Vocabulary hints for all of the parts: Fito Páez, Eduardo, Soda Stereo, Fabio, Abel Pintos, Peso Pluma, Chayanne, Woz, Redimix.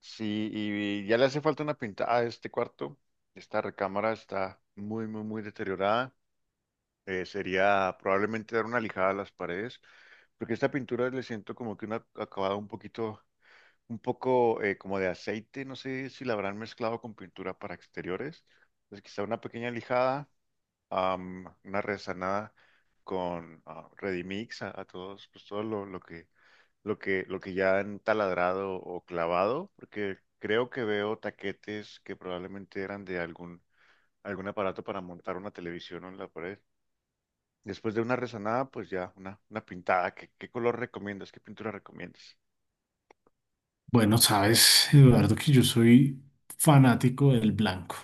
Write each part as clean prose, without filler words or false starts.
Sí, y ya le hace falta una pintada a este cuarto. Esta recámara está muy, muy, muy deteriorada. Sería probablemente dar una lijada a las paredes, porque esta pintura le siento como que un acabado un poquito, un poco como de aceite. No sé si la habrán mezclado con pintura para exteriores. Entonces quizá una pequeña lijada, una resanada con Redimix a todos, pues todo lo que lo que ya han taladrado o clavado, porque creo que veo taquetes que probablemente eran de algún, algún aparato para montar una televisión en la pared. Después de una rezanada, pues ya una pintada. ¿Qué, qué color recomiendas? ¿Qué pintura recomiendas? Bueno, sabes, Eduardo, que yo soy fanático del blanco.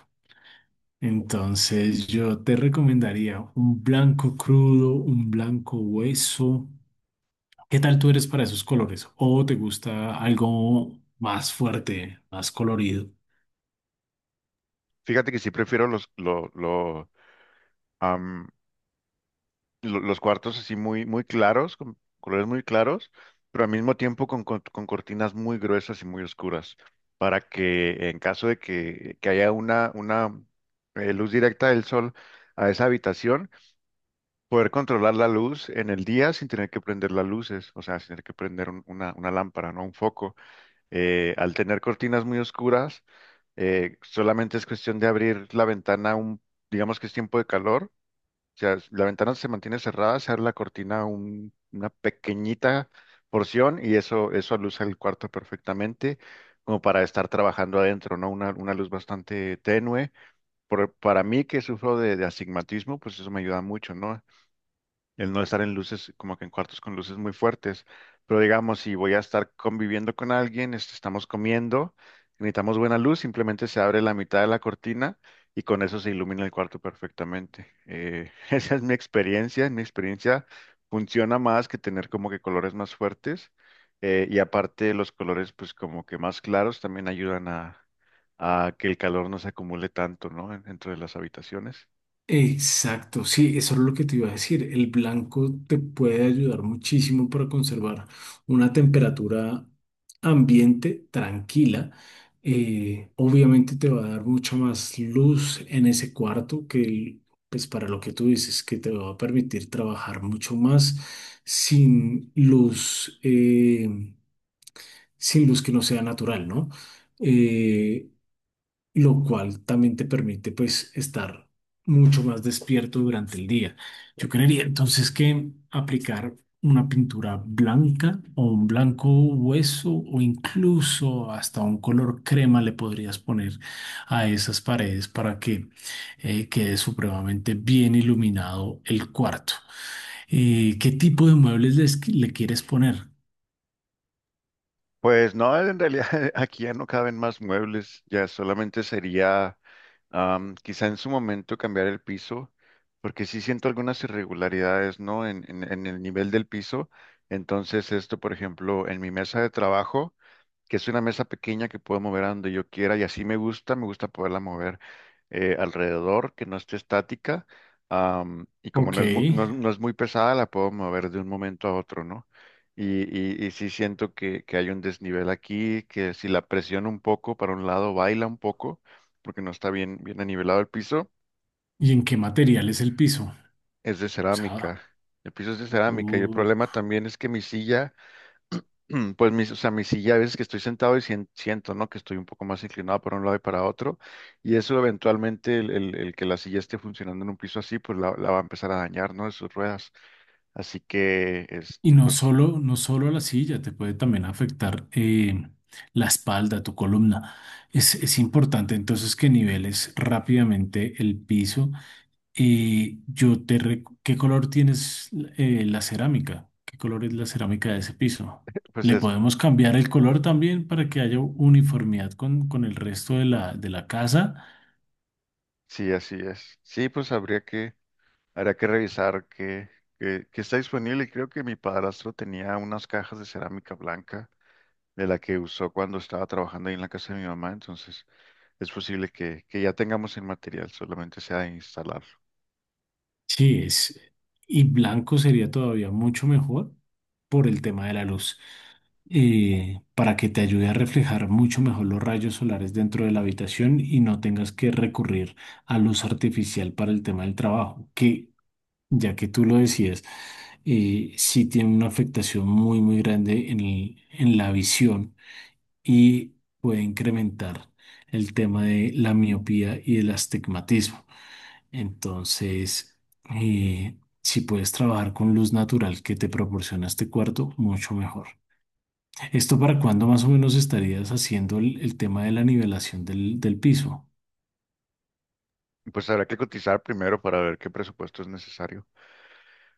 Entonces, yo te recomendaría un blanco crudo, un blanco hueso. ¿Qué tal tú eres para esos colores? ¿O te gusta algo más fuerte, más colorido? Fíjate que sí prefiero los, lo- los cuartos así muy, muy claros, con colores muy claros, pero al mismo tiempo con cortinas muy gruesas y muy oscuras, para que en caso de que haya una luz directa del sol a esa habitación, poder controlar la luz en el día sin tener que prender las luces, o sea, sin tener que prender una lámpara, no un foco. Al tener cortinas muy oscuras, solamente es cuestión de abrir la ventana un, digamos que es tiempo de calor, o sea, la ventana se mantiene cerrada, se abre la cortina una pequeñita porción y eso aluza el cuarto perfectamente, como para estar trabajando adentro, ¿no? Una luz bastante tenue. Para mí que sufro de astigmatismo, pues eso me ayuda mucho, ¿no? El no estar en luces, como que en cuartos con luces muy fuertes. Pero digamos, si voy a estar conviviendo con alguien, este, estamos comiendo, necesitamos buena luz, simplemente se abre la mitad de la cortina y con eso se ilumina el cuarto perfectamente. Esa es mi experiencia. En mi experiencia funciona más que tener como que colores más fuertes. Y aparte los colores pues como que más claros también ayudan a que el calor no se acumule tanto, ¿no? Dentro de las habitaciones. Exacto, sí, eso es lo que te iba a decir. El blanco te puede ayudar muchísimo para conservar una temperatura ambiente tranquila. Obviamente te va a dar mucha más luz en ese cuarto que. Pues para lo que tú dices, que te va a permitir trabajar mucho más sin luz, sin luz que no sea natural, ¿no? Eh, lo cual también te permite pues estar mucho más despierto durante el día. Yo creería entonces que aplicar una pintura blanca o un blanco hueso o incluso hasta un color crema le podrías poner a esas paredes para que quede supremamente bien iluminado el cuarto. ¿Qué tipo de muebles le quieres poner? Pues no, en realidad aquí ya no caben más muebles, ya solamente sería quizá en su momento cambiar el piso, porque sí siento algunas irregularidades, ¿no? En el nivel del piso. Entonces esto, por ejemplo, en mi mesa de trabajo que es una mesa pequeña que puedo mover a donde yo quiera y así me gusta poderla mover alrededor, que no esté estática. Y como Ok. no es, es no es muy pesada, la puedo mover de un momento a otro, ¿no? Y, y sí siento que hay un desnivel aquí, que si la presiono un poco para un lado, baila un poco, porque no está bien, bien anivelado el piso, ¿Y en qué material es el piso? O es de sea, cerámica. El piso es de cerámica y el uh, problema también es que mi silla Pues mis, o sea, mi silla a veces que estoy sentado y siento, ¿no? Que estoy un poco más inclinado para un lado y para otro. Y eso eventualmente el que la silla esté funcionando en un piso así, pues la va a empezar a dañar, ¿no? De sus ruedas. Así que, y este, no pues, solo, no solo a la silla, te puede también afectar la espalda, tu columna. Es importante entonces que niveles rápidamente el piso. ¿Qué color tienes la cerámica? ¿Qué color es la cerámica de ese piso? pues Le es, podemos cambiar el color también para que haya uniformidad con el resto de la casa. sí, así es. Sí, pues habría que revisar que está disponible. Creo que mi padrastro tenía unas cajas de cerámica blanca de la que usó cuando estaba trabajando ahí en la casa de mi mamá, entonces es posible que ya tengamos el material, solamente sea de instalarlo. Sí, es, y blanco sería todavía mucho mejor por el tema de la luz. Para que te ayude a reflejar mucho mejor los rayos solares dentro de la habitación y no tengas que recurrir a luz artificial para el tema del trabajo, que ya que tú lo decías, sí tiene una afectación muy, muy grande en en la visión y puede incrementar el tema de la miopía y el astigmatismo. Entonces, eh, si puedes trabajar con luz natural que te proporciona este cuarto, mucho mejor. ¿Esto para cuándo más o menos estarías haciendo el tema de la nivelación del, del piso? Y pues habrá que cotizar primero para ver qué presupuesto es necesario,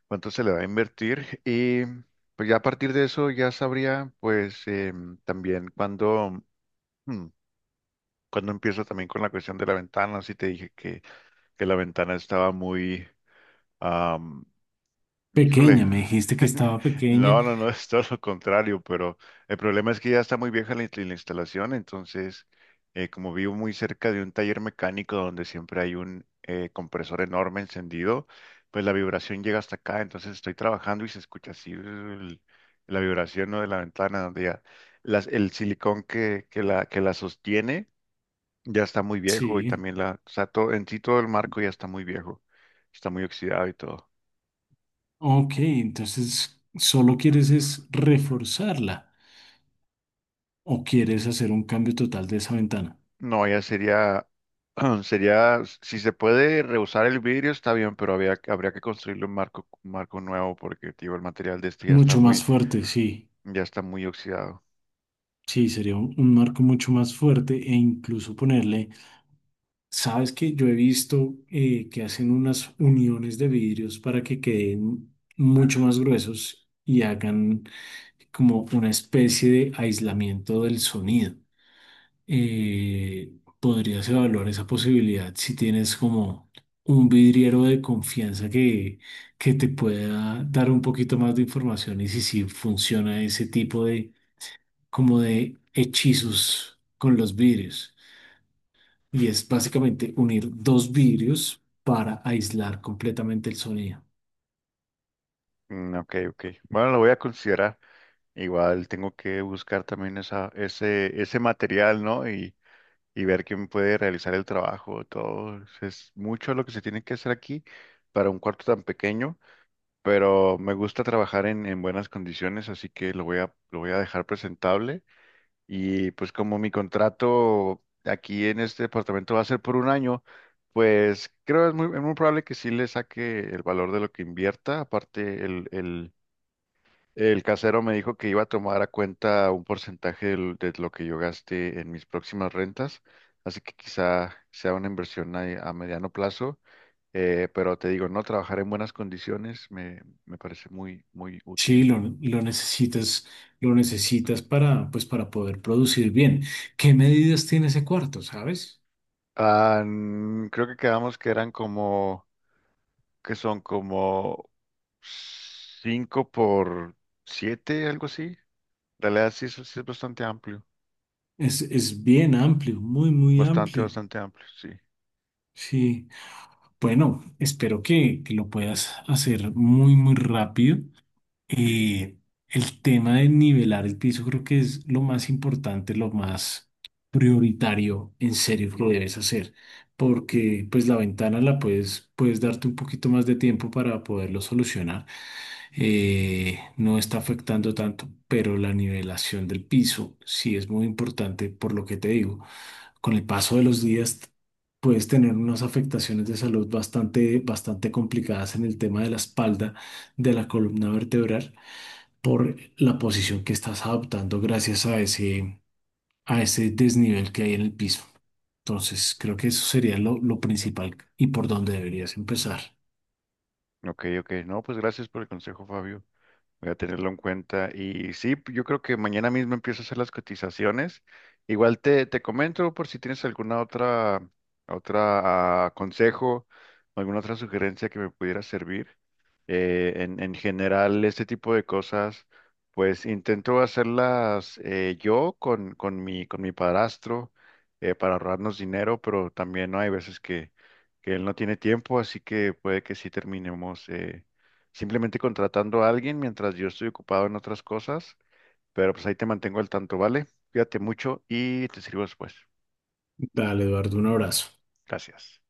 cuánto se le va a invertir y pues ya a partir de eso ya sabría pues también cuando, hmm, cuando empiezo también con la cuestión de la ventana, si te dije que la ventana estaba muy, am, Pequeña, híjole, me dijiste que estaba pequeña. no, no, no, es todo lo contrario, pero el problema es que ya está muy vieja la, la instalación, entonces, como vivo muy cerca de un taller mecánico donde siempre hay un compresor enorme encendido, pues la vibración llega hasta acá, entonces estoy trabajando y se escucha así la vibración, ¿no? De la ventana, donde ya el silicón que la sostiene ya está muy viejo y Sí. también la, o sea, todo, en sí todo el marco ya está muy viejo, está muy oxidado y todo. Ok, entonces solo quieres es reforzarla o quieres hacer un cambio total de esa ventana. No, ya sería, sería, si se puede reusar el vidrio está bien, pero había, habría que construirle un marco nuevo porque, tío, el material de este Mucho más fuerte, sí. ya está muy oxidado. Sí, sería un marco mucho más fuerte e incluso ponerle, sabes que yo he visto que hacen unas uniones de vidrios para que queden mucho más gruesos y hagan como una especie de aislamiento del sonido. Eh, Podrías evaluar esa posibilidad si tienes como un vidriero de confianza que te pueda dar un poquito más de información y si, si funciona ese tipo de como de hechizos con los vidrios. Y es básicamente unir dos vidrios para aislar completamente el sonido. Ok, ok. Bueno, lo voy a considerar. Igual tengo que buscar también esa, ese material, ¿no? Y ver quién puede realizar el trabajo. Todo es mucho lo que se tiene que hacer aquí para un cuarto tan pequeño, pero me gusta trabajar en buenas condiciones, así que lo voy a dejar presentable. Y pues como mi contrato aquí en este departamento va a ser por un año, pues creo es muy probable que sí le saque el valor de lo que invierta. Aparte, el casero me dijo que iba a tomar a cuenta un porcentaje de lo que yo gaste en mis próximas rentas. Así que quizá sea una inversión a mediano plazo. Pero te digo, no trabajar en buenas condiciones me, me parece muy, muy Sí, útil. Lo necesitas para, pues, para poder producir bien. ¿Qué medidas tiene ese cuarto, sabes? Creo que quedamos que eran como, que son como 5 por 7 algo así. La realidad sí es bastante amplio, Es bien amplio, muy, muy bastante, amplio. bastante amplio, sí. Sí. Bueno, espero que lo puedas hacer muy, muy rápido. Eh, el tema de nivelar el piso creo que es lo más importante, lo más prioritario en serio que lo debes hacer, porque pues la ventana la puedes, puedes darte un poquito más de tiempo para poderlo solucionar. No está afectando tanto, pero la nivelación del piso sí es muy importante por lo que te digo. Con el paso de los días puedes tener unas afectaciones de salud bastante, bastante complicadas en el tema de la espalda, de la columna vertebral por la posición que estás adoptando gracias a ese desnivel que hay en el piso. Entonces, creo que eso sería lo principal y por donde deberías empezar. Ok, ok. No, pues gracias por el consejo, Fabio. Voy a tenerlo en cuenta. Y sí, yo creo que mañana mismo empiezo a hacer las cotizaciones. Igual te, te comento por si tienes alguna otra, otra consejo, alguna otra sugerencia que me pudiera servir. En general, este tipo de cosas, pues intento hacerlas yo con mi padrastro para ahorrarnos dinero, pero también ¿no? hay veces que él no tiene tiempo, así que puede que sí terminemos simplemente contratando a alguien mientras yo estoy ocupado en otras cosas, pero pues ahí te mantengo al tanto, ¿vale? Cuídate mucho y te sirvo después. Dale, Eduardo, un abrazo. Gracias.